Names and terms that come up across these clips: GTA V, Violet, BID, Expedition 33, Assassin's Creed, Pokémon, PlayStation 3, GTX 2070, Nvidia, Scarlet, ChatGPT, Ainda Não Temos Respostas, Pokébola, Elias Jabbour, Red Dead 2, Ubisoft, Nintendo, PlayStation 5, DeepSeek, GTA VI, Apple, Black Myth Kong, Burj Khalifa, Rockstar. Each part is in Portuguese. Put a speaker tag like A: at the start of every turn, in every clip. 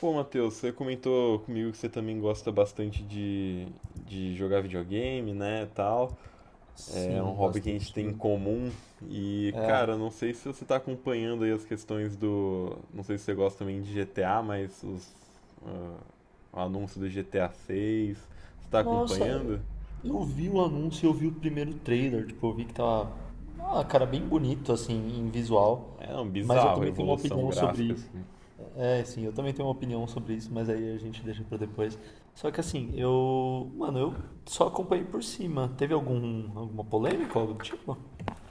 A: Pô, Matheus, você comentou comigo que você também gosta bastante de jogar videogame, né, tal. É um
B: Sim,
A: hobby que a gente
B: bastante,
A: tem em
B: né?
A: comum. E, cara, não sei se você tá acompanhando aí. Não sei se você gosta também de GTA. Ah, o anúncio do GTA 6. Você tá
B: Nossa,
A: acompanhando?
B: eu vi o anúncio, eu vi o primeiro trailer, tipo, eu vi que tava, cara, bem bonito, assim, em visual,
A: É um
B: mas eu
A: bizarro a
B: também tenho uma
A: evolução
B: opinião sobre
A: gráfica,
B: isso.
A: assim.
B: Eu também tenho uma opinião sobre isso, mas aí a gente deixa pra depois. Só que assim, mano, eu só acompanhei por cima. Teve alguma polêmica, algo do tipo?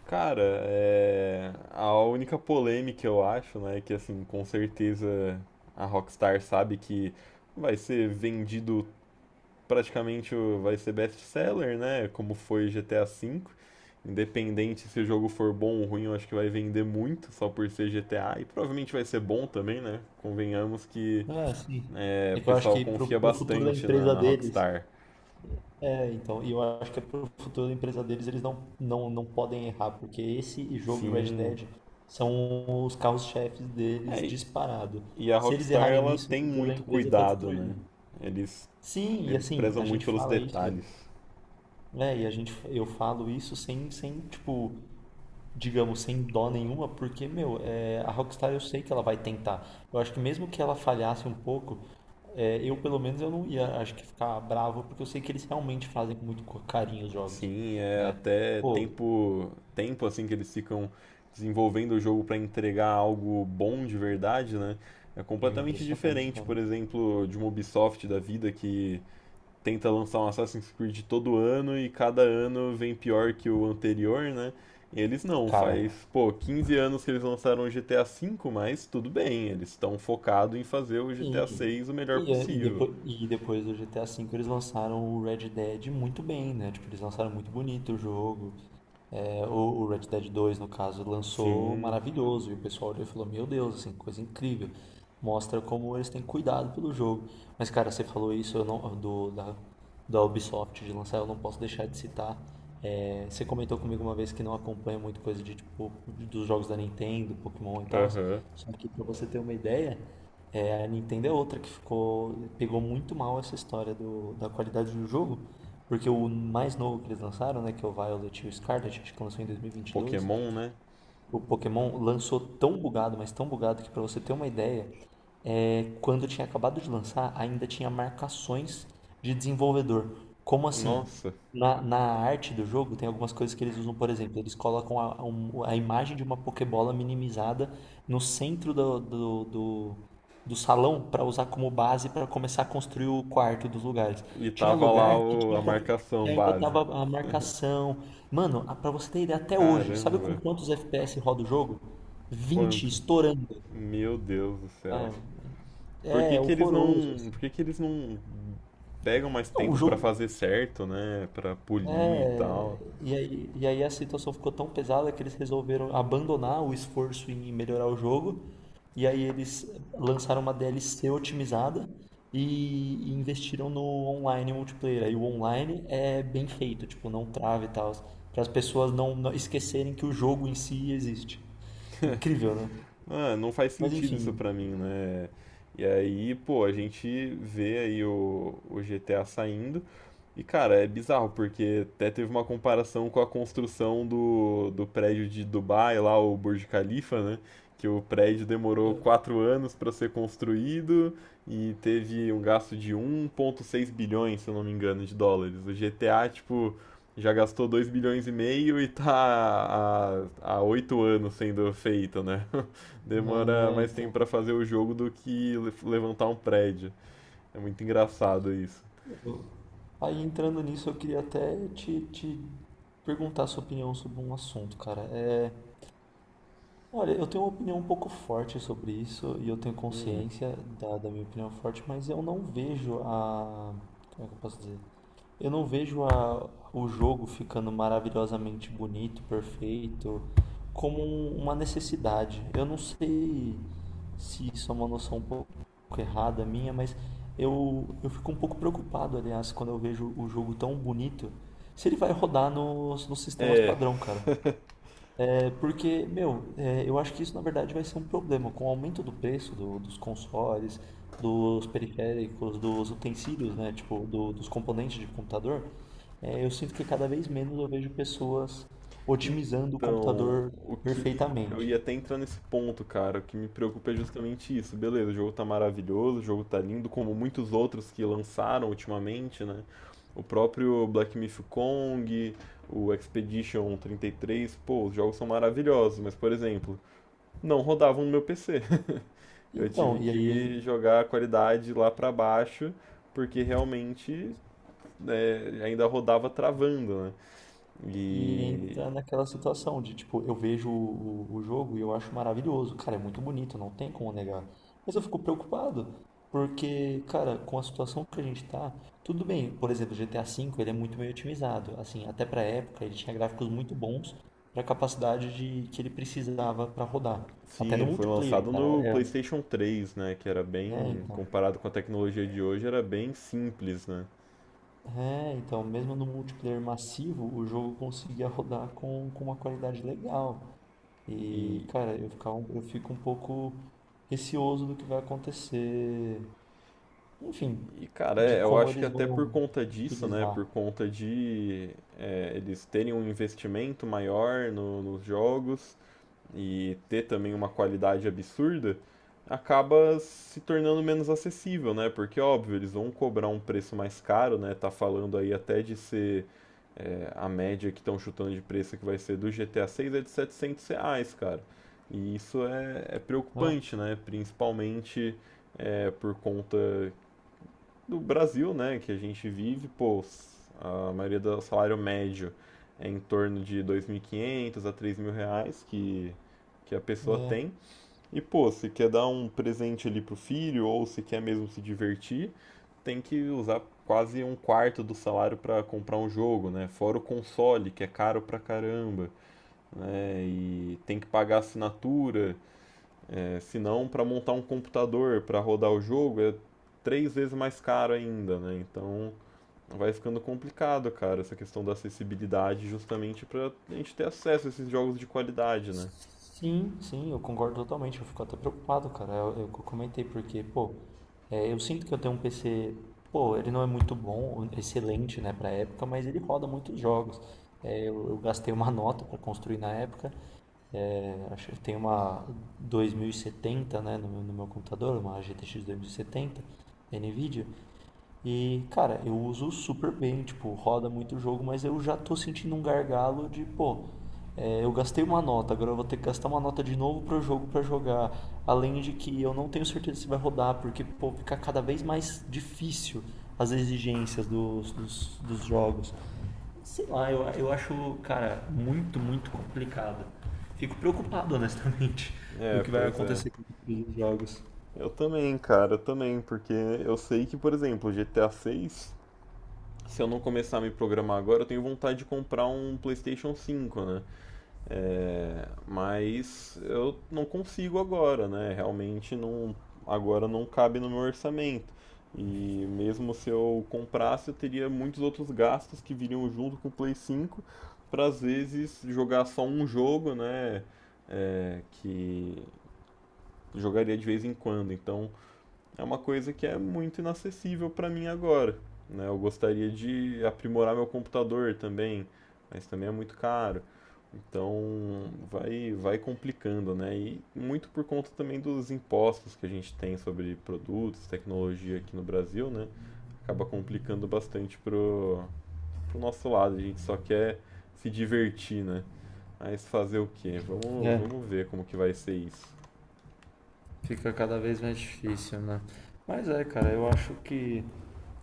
A: Cara, a única polêmica eu acho, né, é que assim, com certeza a Rockstar sabe que vai ser vendido praticamente, vai ser best-seller, né, como foi GTA V. Independente se o jogo for bom ou ruim, eu acho que vai vender muito só por ser GTA e provavelmente vai ser bom também, né? Convenhamos que
B: Ah, sim.
A: o
B: É que eu acho
A: pessoal
B: que
A: confia
B: pro futuro da
A: bastante na,
B: empresa
A: na
B: deles.
A: Rockstar.
B: E eu acho que é pro futuro da empresa deles, eles não podem errar, porque esse jogo e Red
A: Sim.
B: Dead são os carros-chefes deles
A: É,
B: disparado.
A: E a
B: Se eles
A: Rockstar,
B: errarem
A: ela
B: nisso, o
A: tem
B: futuro da
A: muito
B: empresa está
A: cuidado, né?
B: destruído.
A: Eles,
B: Sim, e
A: eles
B: assim,
A: prezam
B: a
A: muito
B: gente
A: pelos
B: fala isso,
A: detalhes.
B: né, e a gente, eu falo isso sem, sem, tipo, digamos, sem dó nenhuma, porque, meu, a Rockstar eu sei que ela vai tentar. Eu acho que mesmo que ela falhasse um pouco, eu pelo menos eu não ia, acho que ficar bravo, porque eu sei que eles realmente fazem com muito carinho os jogos,
A: Sim, é
B: né?
A: até
B: Pô,
A: tempo assim que eles ficam desenvolvendo o jogo para entregar algo bom de verdade, né? É
B: é
A: completamente
B: impressionante,
A: diferente, por
B: cara.
A: exemplo, de uma Ubisoft da vida que tenta lançar um Assassin's Creed todo ano e cada ano vem pior que o anterior, né? E eles não,
B: Cara,
A: faz, pô, 15 anos que eles lançaram o GTA V, mas tudo bem, eles estão focados em fazer o GTA
B: sim.
A: VI o melhor
B: E, é, e,
A: possível.
B: depois, e depois do GTA V eles lançaram o Red Dead muito bem, né? Tipo, eles lançaram muito bonito o jogo. É, o, o Red Dead 2, no caso, lançou
A: Sim,
B: maravilhoso. E o pessoal olhou e falou: Meu Deus, assim, coisa incrível. Mostra como eles têm cuidado pelo jogo. Mas, cara, você falou isso eu não, da Ubisoft de lançar, eu não posso deixar de citar. Você comentou comigo uma vez que não acompanha muito coisa de tipo dos jogos da Nintendo, Pokémon e tal.
A: aham.
B: Só que pra você ter uma ideia, a Nintendo é outra que ficou, pegou muito mal essa história da qualidade do jogo, porque o mais novo que eles lançaram, né, que é o Violet e o Scarlet, acho que lançou em 2022,
A: Pokémon, né?
B: o Pokémon lançou tão bugado, mas tão bugado que pra você ter uma ideia, quando tinha acabado de lançar, ainda tinha marcações de desenvolvedor. Como assim?
A: Nossa.
B: Na arte do jogo tem algumas coisas que eles usam, por exemplo, eles colocam a imagem de uma Pokébola minimizada no centro do salão para usar como base para começar a construir o quarto dos lugares.
A: E
B: Tinha
A: tava lá
B: lugar que
A: a
B: tinha que
A: marcação
B: ainda
A: base.
B: tava a marcação. Mano, pra você ter ideia, até hoje, sabe com
A: Caramba,
B: quantos FPS roda o jogo? 20
A: quanto?
B: estourando.
A: Meu Deus do céu.
B: Ah,
A: Por
B: é,
A: que
B: é
A: que eles
B: horroroso,
A: não,
B: assim.
A: por que que eles não pegam mais
B: Não, o
A: tempo pra
B: jogo.
A: fazer certo, né? Pra polir e
B: É.
A: tal.
B: E aí a situação ficou tão pesada que eles resolveram abandonar o esforço em melhorar o jogo. E aí eles lançaram uma DLC otimizada e investiram no online multiplayer. Aí o online é bem feito, tipo, não trava e tal. Para as pessoas não esquecerem que o jogo em si existe. Incrível, né?
A: Ah, não faz
B: Mas
A: sentido isso
B: enfim,
A: pra mim, né? E aí, pô, a gente vê aí o GTA saindo. E, cara, é bizarro, porque até teve uma comparação com a construção do prédio de Dubai, lá, o Burj Khalifa, né? Que o prédio demorou 4 anos para ser construído e teve um gasto de 1,6 bilhões, se eu não me engano, de dólares. O GTA, tipo, já gastou 2,5 bilhões e tá há 8 anos sendo feito, né? Demora
B: é,
A: mais tempo pra
B: então.
A: fazer o jogo do que levantar um prédio. É muito engraçado isso.
B: eu- Aí entrando nisso, eu queria até te perguntar a sua opinião sobre um assunto, cara. Olha, eu tenho uma opinião um pouco forte sobre isso e eu tenho
A: Hum.
B: consciência da minha opinião forte, mas eu não vejo a. Como é que eu posso dizer? Eu não vejo o jogo ficando maravilhosamente bonito, perfeito, como uma necessidade. Eu não sei se isso é uma noção um pouco errada minha, mas eu fico um pouco preocupado, aliás, quando eu vejo o jogo tão bonito, se ele vai rodar nos sistemas
A: É,
B: padrão, cara. É porque, meu, eu acho que isso na verdade vai ser um problema. Com o aumento do preço dos consoles, dos periféricos, dos utensílios, né? Tipo, dos componentes de computador, eu sinto que cada vez menos eu vejo pessoas otimizando o
A: então,
B: computador
A: o que me. eu
B: perfeitamente.
A: ia até entrar nesse ponto, cara. O que me preocupa é justamente isso. Beleza, o jogo tá maravilhoso, o jogo tá lindo, como muitos outros que lançaram ultimamente, né? O próprio Black Myth Kong, o Expedition 33, pô, os jogos são maravilhosos, mas, por exemplo, não rodavam no meu PC. Eu tive
B: Então, e aí
A: que jogar a qualidade lá pra baixo, porque realmente, né, ainda rodava travando, né?
B: e
A: E
B: entra naquela situação de, tipo, eu vejo o jogo e eu acho maravilhoso. Cara, é muito bonito, não tem como negar. Mas eu fico preocupado, porque, cara, com a situação que a gente tá, tudo bem. Por exemplo, o GTA V, ele é muito bem otimizado. Assim, até pra época, ele tinha gráficos muito bons pra capacidade de, que ele precisava pra rodar. Até
A: sim,
B: no
A: ele foi
B: multiplayer,
A: lançado
B: cara.
A: no PlayStation 3, né? Que era bem,
B: Então.
A: comparado com a tecnologia de hoje, era bem simples, né?
B: É, então, mesmo no multiplayer massivo, o jogo conseguia rodar com uma qualidade legal.
A: E,
B: E, cara, eu fico um pouco receoso do que vai acontecer. Enfim,
A: e cara,
B: de
A: eu
B: como
A: acho que
B: eles
A: até
B: vão
A: por conta disso, né?
B: utilizar,
A: Por conta de eles terem um investimento maior nos jogos e ter também uma qualidade absurda, acaba se tornando menos acessível, né? Porque, óbvio, eles vão cobrar um preço mais caro, né? Tá falando aí até de ser a média que estão chutando de preço que vai ser do GTA 6 é de R$ 700, cara. E isso é
B: né?
A: preocupante, né? Principalmente por conta do Brasil, né, que a gente vive, pô, a maioria do salário médio é em torno de 2.500 a 3.000 reais que a pessoa
B: Né?
A: tem. E, pô, se quer dar um presente ali pro filho ou se quer mesmo se divertir, tem que usar quase um quarto do salário para comprar um jogo, né? Fora o console, que é caro pra caramba, né? E tem que pagar assinatura, senão para montar um computador para rodar o jogo é três vezes mais caro ainda, né? Então vai ficando complicado, cara, essa questão da acessibilidade, justamente pra gente ter acesso a esses jogos de qualidade, né?
B: Sim, sim, eu concordo totalmente. Eu fico até preocupado, cara. Eu comentei porque, pô, eu sinto que eu tenho um PC, pô, ele não é muito bom, excelente, né, pra época, mas ele roda muitos jogos. Eu gastei uma nota pra construir na época. É, acho que tem uma 2070, né, no meu computador, uma GTX 2070 da Nvidia. E, cara, eu uso super bem, tipo, roda muito o jogo, mas eu já tô sentindo um gargalo de, pô, eu gastei uma nota, agora eu vou ter que gastar uma nota de novo pro jogo pra jogar. Além de que eu não tenho certeza se vai rodar, porque, pô, fica cada vez mais difícil as exigências dos jogos. Sei lá, eu acho, cara, muito complicado. Fico preocupado, honestamente, do
A: É,
B: que vai
A: pois é.
B: acontecer com os jogos.
A: Eu também, cara, eu também, porque eu sei que, por exemplo, GTA 6, se eu não começar a me programar agora, eu tenho vontade de comprar um PlayStation 5, né? Mas eu não consigo agora, né? Realmente não, agora não cabe no meu orçamento. E mesmo se eu comprasse, eu teria muitos outros gastos que viriam junto com o Play 5 para às vezes jogar só um jogo, né? É, que jogaria de vez em quando. Então é uma coisa que é muito inacessível para mim agora, né? Eu gostaria de aprimorar meu computador também, mas também é muito caro. Então vai complicando, né? E muito por conta também dos impostos que a gente tem sobre produtos, tecnologia aqui no Brasil, né? Acaba complicando bastante pro nosso lado. A gente só quer se divertir, né? Mas fazer o quê? Vamos,
B: É,
A: vamos ver como que vai ser isso.
B: fica cada vez mais difícil, né? Mas é, cara, eu acho que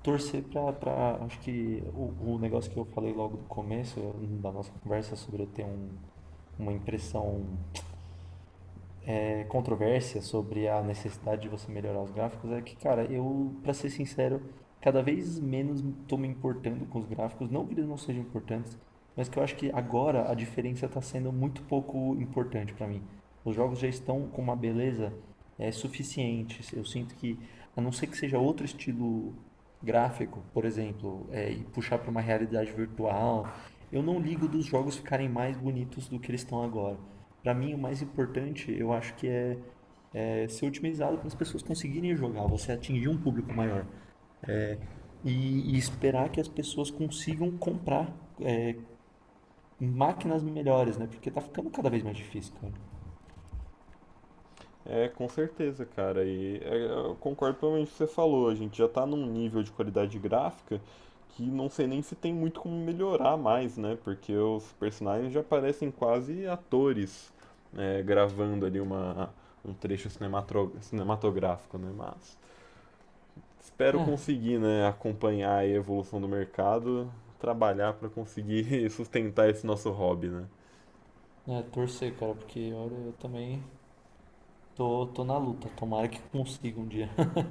B: torcer pra acho que o negócio que eu falei logo do começo da nossa conversa sobre eu ter um, uma impressão é, controvérsia sobre a necessidade de você melhorar os gráficos é que, cara, eu, pra ser sincero, cada vez menos tô me importando com os gráficos. Não que eles não sejam importantes, mas que eu acho que agora a diferença tá sendo muito pouco importante pra mim. Os jogos já estão com uma beleza suficiente. Eu sinto que, a não ser que seja outro estilo gráfico, por exemplo, e puxar para uma realidade virtual, eu não ligo dos jogos ficarem mais bonitos do que eles estão agora. Para mim, o mais importante, eu acho que é, é ser otimizado para as pessoas conseguirem jogar, você atingir um público maior e esperar que as pessoas consigam comprar máquinas melhores, né? Porque tá ficando cada vez mais difícil, cara.
A: É, com certeza, cara. E eu concordo plenamente com o que você falou. A gente já tá num nível de qualidade gráfica que não sei nem se tem muito como melhorar mais, né? Porque os personagens já parecem quase atores, né, gravando ali um trecho cinematográfico, né? Mas espero
B: É,
A: conseguir, né, acompanhar aí a evolução do mercado, trabalhar para conseguir sustentar esse nosso hobby, né?
B: é torcer, cara, porque olha, eu também tô na luta. Tomara que consiga um dia.